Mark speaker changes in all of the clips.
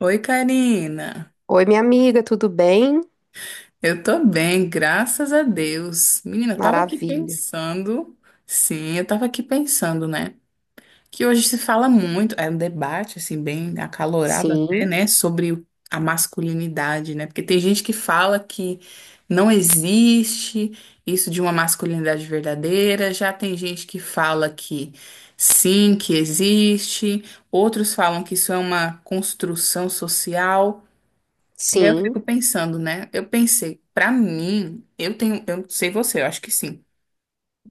Speaker 1: Oi, Karina.
Speaker 2: Oi, minha amiga, tudo bem?
Speaker 1: Eu tô bem, graças a Deus. Menina, eu tava aqui
Speaker 2: Maravilha.
Speaker 1: pensando, sim, eu tava aqui pensando, né? Que hoje se fala muito, é um debate, assim, bem acalorado até,
Speaker 2: Sim,
Speaker 1: né? Sobre a masculinidade, né? Porque tem gente que fala que não existe isso de uma masculinidade verdadeira, já tem gente que fala que sim, que existe, outros falam que isso é uma construção social. E aí eu
Speaker 2: sim,
Speaker 1: fico pensando, né? Eu pensei, pra mim, eu tenho, eu sei você, eu acho que sim.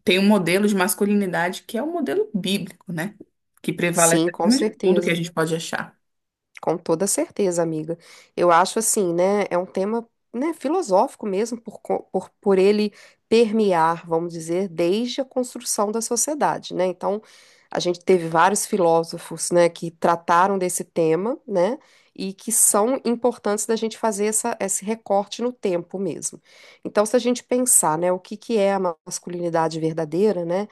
Speaker 1: Tem um modelo de masculinidade que é o modelo bíblico, né? Que prevalece
Speaker 2: sim, com
Speaker 1: acima de tudo que a
Speaker 2: certeza.
Speaker 1: gente pode achar.
Speaker 2: Com toda certeza, amiga. Eu acho assim, né? É um tema, né, filosófico mesmo, por ele permear, vamos dizer, desde a construção da sociedade, né? Então, a gente teve vários filósofos, né, que trataram desse tema, né? E que são importantes da gente fazer essa, esse recorte no tempo mesmo. Então, se a gente pensar, né, o que que é a masculinidade verdadeira, né?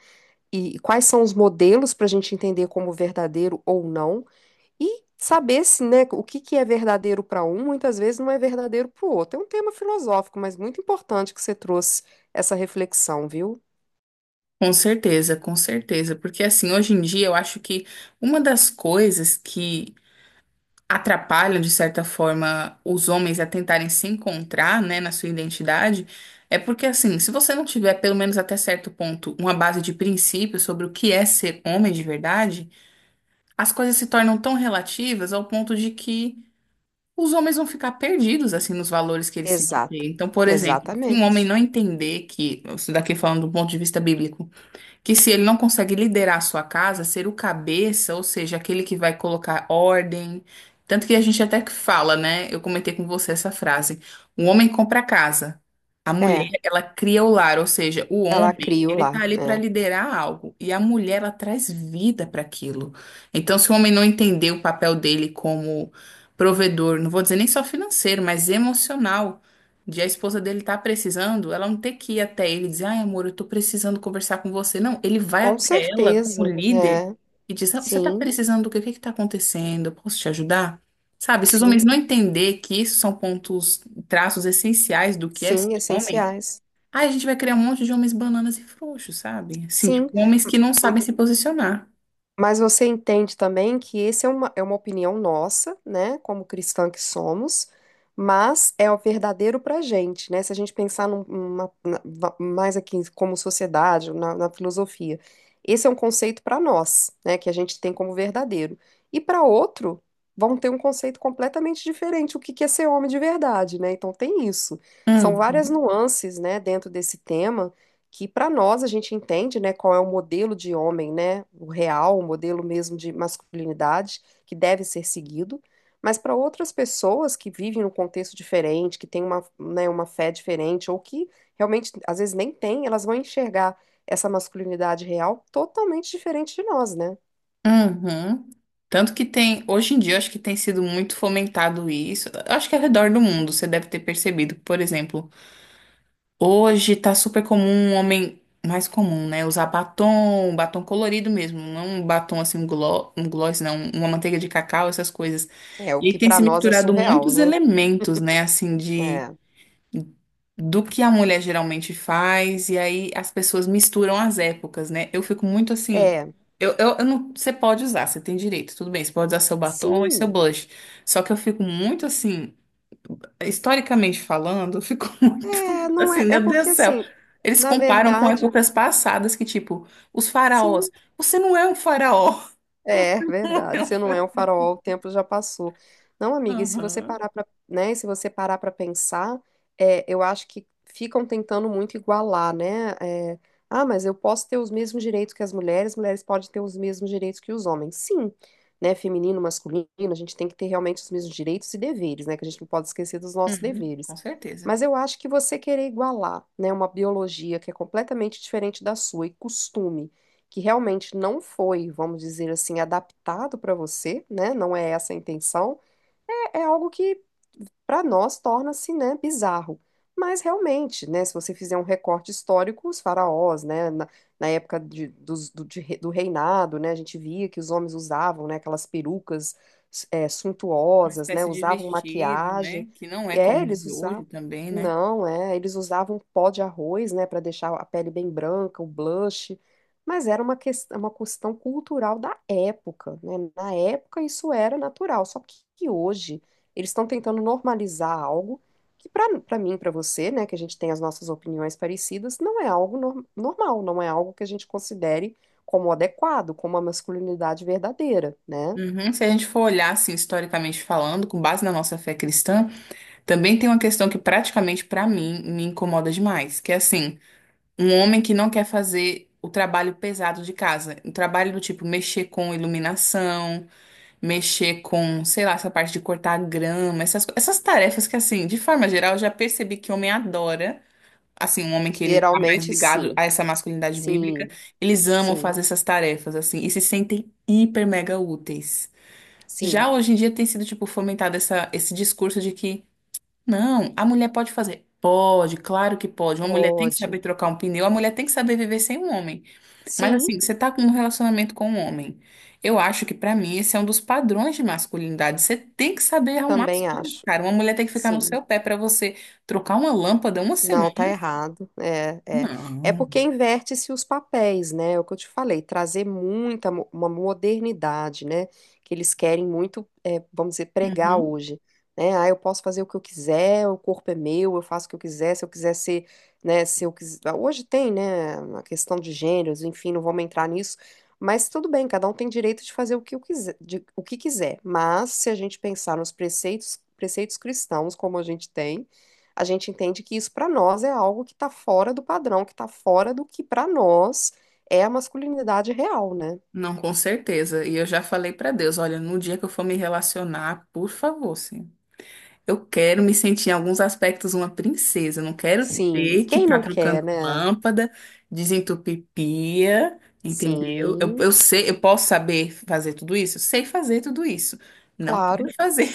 Speaker 2: E quais são os modelos para a gente entender como verdadeiro ou não e saber se, né, o que que é verdadeiro para um, muitas vezes não é verdadeiro para o outro. É um tema filosófico, mas muito importante que você trouxe essa reflexão, viu?
Speaker 1: Com certeza, com certeza. Porque assim, hoje em dia eu acho que uma das coisas que atrapalham, de certa forma, os homens a tentarem se encontrar, né, na sua identidade, é porque assim, se você não tiver, pelo menos até certo ponto, uma base de princípios sobre o que é ser homem de verdade, as coisas se tornam tão relativas ao ponto de que os homens vão ficar perdidos assim nos valores que eles têm que ter.
Speaker 2: Exato.
Speaker 1: Então, por exemplo, se um homem
Speaker 2: Exatamente.
Speaker 1: não entender que, isso daqui falando do ponto de vista bíblico, que se ele não consegue liderar a sua casa, ser o cabeça, ou seja, aquele que vai colocar ordem. Tanto que a gente até que fala, né? Eu comentei com você essa frase. O homem compra a casa. A mulher,
Speaker 2: É,
Speaker 1: ela cria o lar, ou seja, o
Speaker 2: ela
Speaker 1: homem,
Speaker 2: criou
Speaker 1: ele tá
Speaker 2: lá,
Speaker 1: ali para
Speaker 2: né?
Speaker 1: liderar algo e a mulher ela traz vida para aquilo. Então, se o homem não entender o papel dele como provedor, não vou dizer nem só financeiro, mas emocional, de a esposa dele tá precisando, ela não ter que ir até ele e dizer, ai, amor, eu tô precisando conversar com você. Não, ele vai
Speaker 2: Com
Speaker 1: até ela como
Speaker 2: certeza,
Speaker 1: líder
Speaker 2: é.
Speaker 1: e diz, "Ah, você tá
Speaker 2: Sim,
Speaker 1: precisando do quê? O que que tá acontecendo? Eu posso te ajudar? Sabe, se os homens
Speaker 2: sim,
Speaker 1: não entender que isso são pontos, traços essenciais do que é
Speaker 2: sim,
Speaker 1: ser homem,
Speaker 2: essenciais.
Speaker 1: aí a gente vai criar um monte de homens bananas e frouxos, sabe? Assim, tipo,
Speaker 2: Sim.
Speaker 1: homens que não sabem se posicionar.
Speaker 2: Mas você entende também que esse é uma opinião nossa, né, como cristã que somos, mas é o verdadeiro pra gente, né? Se a gente pensar mais aqui como sociedade, na, na filosofia, esse é um conceito para nós, né, que a gente tem como verdadeiro. E para outro, vão ter um conceito completamente diferente, o que que é ser homem de verdade, né? Então tem isso. São várias
Speaker 1: Hum.
Speaker 2: nuances, né, dentro desse tema que para nós a gente entende, né, qual é o modelo de homem, né, o real, o modelo mesmo de masculinidade que deve ser seguido, mas para outras pessoas que vivem num contexto diferente, que têm uma, né, uma fé diferente ou que realmente às vezes nem têm, elas vão enxergar essa masculinidade real totalmente diferente de nós, né?
Speaker 1: Uhum. Tanto que tem, hoje em dia, acho que tem sido muito fomentado isso. Eu acho que ao redor do mundo você deve ter percebido. Por exemplo, hoje tá super comum um homem mais comum, né? Usar batom, batom colorido mesmo, não um batom assim, um gloss, não, uma manteiga de cacau, essas coisas.
Speaker 2: É o
Speaker 1: E
Speaker 2: que
Speaker 1: aí tem
Speaker 2: para
Speaker 1: se
Speaker 2: nós é
Speaker 1: misturado
Speaker 2: surreal,
Speaker 1: muitos
Speaker 2: né?
Speaker 1: elementos, né? Assim, de
Speaker 2: É,
Speaker 1: do que a mulher geralmente faz, e aí as pessoas misturam as épocas, né? Eu fico muito assim.
Speaker 2: é,
Speaker 1: Eu não, você pode usar, você tem direito, tudo bem, você pode usar seu batom e seu
Speaker 2: sim,
Speaker 1: blush. Só que eu fico muito assim, historicamente falando, eu fico muito
Speaker 2: é, não
Speaker 1: assim,
Speaker 2: é, é
Speaker 1: meu Deus
Speaker 2: porque
Speaker 1: do céu.
Speaker 2: assim,
Speaker 1: Eles
Speaker 2: na
Speaker 1: comparam com
Speaker 2: verdade,
Speaker 1: épocas passadas que, tipo, os faraós.
Speaker 2: sim.
Speaker 1: Você não é um faraó.
Speaker 2: É
Speaker 1: Não é
Speaker 2: verdade.
Speaker 1: um
Speaker 2: Se não é um
Speaker 1: faraó.
Speaker 2: farol, o tempo já passou. Não, amiga,
Speaker 1: Aham.
Speaker 2: e se você parar para pensar, é, eu acho que ficam tentando muito igualar, né? É, ah, mas eu posso ter os mesmos direitos que as mulheres, mulheres podem ter os mesmos direitos que os homens. Sim, né? Feminino, masculino, a gente tem que ter realmente os mesmos direitos e deveres, né? Que a gente não pode esquecer dos nossos
Speaker 1: Uhum, com
Speaker 2: deveres.
Speaker 1: certeza.
Speaker 2: Mas eu acho que você querer igualar, né, uma biologia que é completamente diferente da sua e costume que realmente não foi, vamos dizer assim, adaptado para você, né? Não é essa a intenção. É, é algo que para nós torna-se, né, bizarro. Mas realmente, né, se você fizer um recorte histórico, os faraós, né, na, na época de, dos- do, de re- do reinado, né, a gente via que os homens usavam, né, aquelas perucas, é,
Speaker 1: Uma
Speaker 2: suntuosas, né,
Speaker 1: espécie de
Speaker 2: usavam
Speaker 1: vestido, né?
Speaker 2: maquiagem.
Speaker 1: Que não é
Speaker 2: É,
Speaker 1: como os
Speaker 2: eles
Speaker 1: de hoje
Speaker 2: usavam.
Speaker 1: também, né?
Speaker 2: Não, é, eles usavam pó de arroz, né, para deixar a pele bem branca, o blush. Mas era uma questão cultural da época, né? Na época isso era natural, só que hoje eles estão tentando normalizar algo que para mim, para você, né, que a gente tem as nossas opiniões parecidas, não é algo normal, não é algo que a gente considere como adequado, como uma masculinidade verdadeira, né?
Speaker 1: Uhum. Se a gente for olhar, assim, historicamente falando, com base na nossa fé cristã, também tem uma questão que praticamente pra mim me incomoda demais, que é assim, um homem que não quer fazer o trabalho pesado de casa, um trabalho do tipo mexer com iluminação, mexer com, sei lá, essa parte de cortar grama, essas tarefas que, assim, de forma geral, eu já percebi que homem adora, assim, um homem que ele tá mais
Speaker 2: Geralmente
Speaker 1: ligado
Speaker 2: sim,
Speaker 1: a essa masculinidade bíblica,
Speaker 2: sim,
Speaker 1: eles amam
Speaker 2: sim,
Speaker 1: fazer essas tarefas, assim, e se sentem hiper mega úteis.
Speaker 2: sim,
Speaker 1: Já hoje em dia tem sido, tipo, fomentado esse discurso de que, não, a mulher pode fazer. Pode, claro que pode. Uma mulher tem que
Speaker 2: pode.
Speaker 1: saber trocar um pneu, a mulher tem que saber viver sem um homem. Mas
Speaker 2: Sim,
Speaker 1: assim, você tá com um relacionamento com um homem. Eu acho que pra mim esse é um dos padrões de masculinidade. Você tem que saber arrumar as
Speaker 2: também
Speaker 1: coisas,
Speaker 2: acho.
Speaker 1: cara. Uma mulher tem que ficar no
Speaker 2: Sim.
Speaker 1: seu pé pra você trocar uma lâmpada uma semana.
Speaker 2: Não, tá errado. É, é. É porque
Speaker 1: Não.
Speaker 2: inverte-se os papéis, né? É o que eu te falei, trazer muita uma modernidade, né? Que eles querem muito, é, vamos dizer, pregar
Speaker 1: Uhum.
Speaker 2: hoje. Né? Ah, eu posso fazer o que eu quiser, o corpo é meu, eu faço o que eu quiser, se eu quiser ser, né? Se eu quiser. Hoje tem, né? A questão de gêneros, enfim, não vamos entrar nisso. Mas tudo bem, cada um tem direito de fazer o que eu quiser, o que quiser. Mas se a gente pensar nos preceitos, preceitos cristãos, como a gente tem a gente entende que isso para nós é algo que está fora do padrão, que está fora do que para nós é a masculinidade real, né?
Speaker 1: Não, com certeza. E eu já falei pra Deus, olha, no dia que eu for me relacionar, por favor, sim. Eu quero me sentir em alguns aspectos uma princesa. Eu não quero
Speaker 2: Sim,
Speaker 1: ter que
Speaker 2: quem
Speaker 1: estar
Speaker 2: não quer,
Speaker 1: trocando
Speaker 2: né?
Speaker 1: lâmpada, desentupir pia, entendeu? Eu,
Speaker 2: Sim,
Speaker 1: eu sei, eu posso saber fazer tudo isso? Eu sei fazer tudo isso. Não quero
Speaker 2: claro.
Speaker 1: fazer.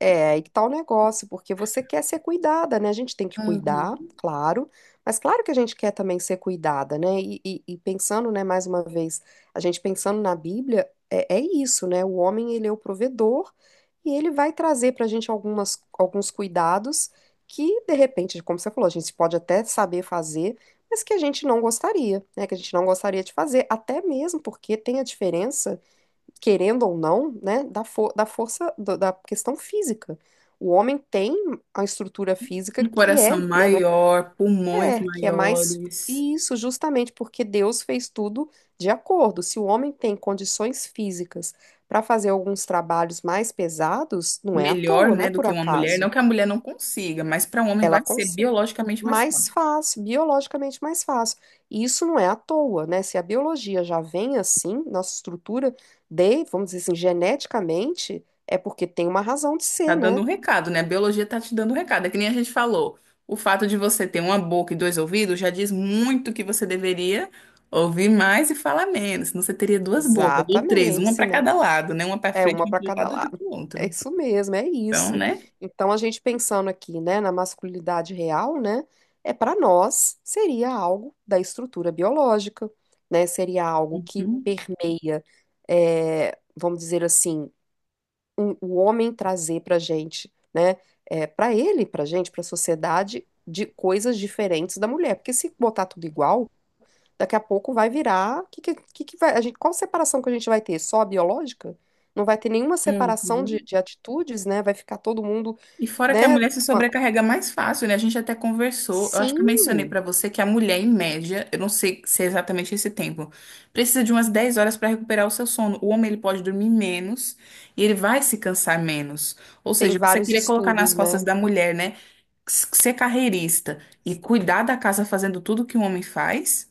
Speaker 2: É, aí que tá o negócio, porque você quer ser cuidada, né? A gente tem que cuidar,
Speaker 1: Uhum.
Speaker 2: claro, mas claro que a gente quer também ser cuidada, né? E pensando, né, mais uma vez, a gente pensando na Bíblia, é, é isso, né? O homem, ele é o provedor e ele vai trazer pra gente algumas, alguns cuidados que, de repente, como você falou, a gente pode até saber fazer, mas que a gente não gostaria, né? Que a gente não gostaria de fazer, até mesmo porque tem a diferença querendo ou não, né, da, da força da questão física. O homem tem a estrutura física
Speaker 1: Um
Speaker 2: que é,
Speaker 1: coração
Speaker 2: né, muito,
Speaker 1: maior, pulmões
Speaker 2: é, que é mais
Speaker 1: maiores,
Speaker 2: isso, justamente porque Deus fez tudo de acordo. Se o homem tem condições físicas para fazer alguns trabalhos mais pesados, não é à
Speaker 1: melhor,
Speaker 2: toa, não é
Speaker 1: né, do
Speaker 2: por
Speaker 1: que uma mulher. Não
Speaker 2: acaso.
Speaker 1: que a mulher não consiga, mas para um homem vai
Speaker 2: Ela
Speaker 1: ser
Speaker 2: consegue
Speaker 1: biologicamente mais forte.
Speaker 2: mais fácil, biologicamente mais fácil. E isso não é à toa, né? Se a biologia já vem assim, nossa estrutura de, vamos dizer assim, geneticamente, é porque tem uma razão de
Speaker 1: Tá
Speaker 2: ser,
Speaker 1: dando
Speaker 2: né?
Speaker 1: um recado, né? A biologia tá te dando um recado. É que nem a gente falou. O fato de você ter uma boca e dois ouvidos já diz muito que você deveria ouvir mais e falar menos. Senão você teria duas bocas, ou três,
Speaker 2: Exatamente,
Speaker 1: uma para
Speaker 2: senão
Speaker 1: cada lado, né? Uma para
Speaker 2: é
Speaker 1: frente,
Speaker 2: uma
Speaker 1: uma
Speaker 2: para
Speaker 1: para um
Speaker 2: cada
Speaker 1: lado, outra
Speaker 2: lado.
Speaker 1: para o
Speaker 2: É
Speaker 1: outro.
Speaker 2: isso mesmo, é
Speaker 1: Então,
Speaker 2: isso.
Speaker 1: né?
Speaker 2: Então a gente pensando aqui, né, na masculinidade real, né, é para nós seria algo da estrutura biológica, né? Seria algo que
Speaker 1: Uhum.
Speaker 2: permeia, é, vamos dizer assim, o homem trazer para gente, né? É, para ele, para gente, para a sociedade, de coisas diferentes da mulher. Porque se botar tudo igual, daqui a pouco vai virar. Que vai, a gente, qual separação que a gente vai ter? Só a biológica? Não vai ter nenhuma separação
Speaker 1: Uhum.
Speaker 2: de atitudes, né? Vai ficar todo mundo,
Speaker 1: E fora que a
Speaker 2: né?
Speaker 1: mulher se
Speaker 2: com a-
Speaker 1: sobrecarrega mais fácil, né? A gente até conversou, eu acho que eu
Speaker 2: Sim,
Speaker 1: mencionei pra você que a mulher, em média, eu não sei se é exatamente esse tempo, precisa de umas 10 horas pra recuperar o seu sono. O homem, ele pode dormir menos e ele vai se cansar menos. Ou
Speaker 2: tem
Speaker 1: seja, você
Speaker 2: vários
Speaker 1: queria colocar nas
Speaker 2: estudos,
Speaker 1: costas
Speaker 2: né?
Speaker 1: da mulher, né? Ser carreirista e cuidar da casa fazendo tudo que um homem faz?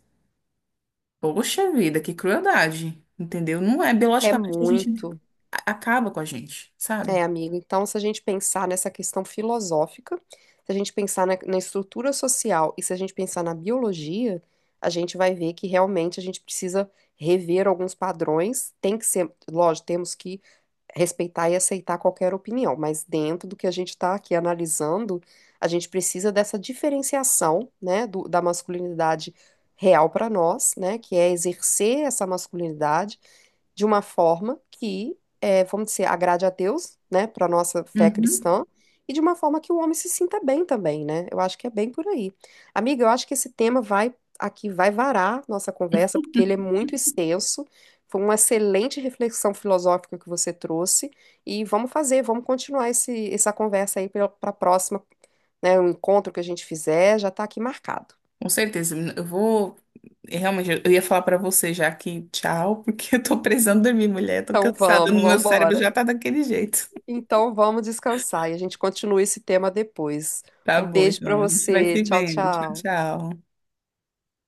Speaker 1: Poxa vida, que crueldade, entendeu? Não é,
Speaker 2: É
Speaker 1: biologicamente a gente
Speaker 2: muito.
Speaker 1: acaba com a gente,
Speaker 2: É,
Speaker 1: sabe?
Speaker 2: amigo, então se a gente pensar nessa questão filosófica, se a gente pensar na, na estrutura social e se a gente pensar na biologia, a gente vai ver que realmente a gente precisa rever alguns padrões. Tem que ser, lógico, temos que respeitar e aceitar qualquer opinião, mas dentro do que a gente está aqui analisando, a gente precisa dessa diferenciação, né, da masculinidade real para nós, né, que é exercer essa masculinidade de uma forma que, vamos dizer, agrade a Deus, né, para nossa fé
Speaker 1: Uhum.
Speaker 2: cristã, e de uma forma que o homem se sinta bem também, né? Eu acho que é bem por aí. Amiga, eu acho que esse tema vai aqui vai varar nossa conversa, porque ele é muito extenso. Foi uma excelente reflexão filosófica que você trouxe e vamos fazer, vamos continuar esse, essa conversa aí para a próxima, né? O encontro que a gente fizer já está aqui marcado.
Speaker 1: Com certeza. Eu vou. Realmente, eu ia falar pra você já que tchau, porque eu tô precisando dormir, mulher. Tô
Speaker 2: Então
Speaker 1: cansada.
Speaker 2: vamos,
Speaker 1: No
Speaker 2: vamos
Speaker 1: meu cérebro
Speaker 2: embora.
Speaker 1: já tá daquele jeito.
Speaker 2: Então vamos descansar e a gente continua esse tema depois.
Speaker 1: Tá
Speaker 2: Um
Speaker 1: bom,
Speaker 2: beijo para
Speaker 1: então. A gente vai
Speaker 2: você.
Speaker 1: se
Speaker 2: Tchau,
Speaker 1: vendo. Tchau,
Speaker 2: tchau.
Speaker 1: tchau.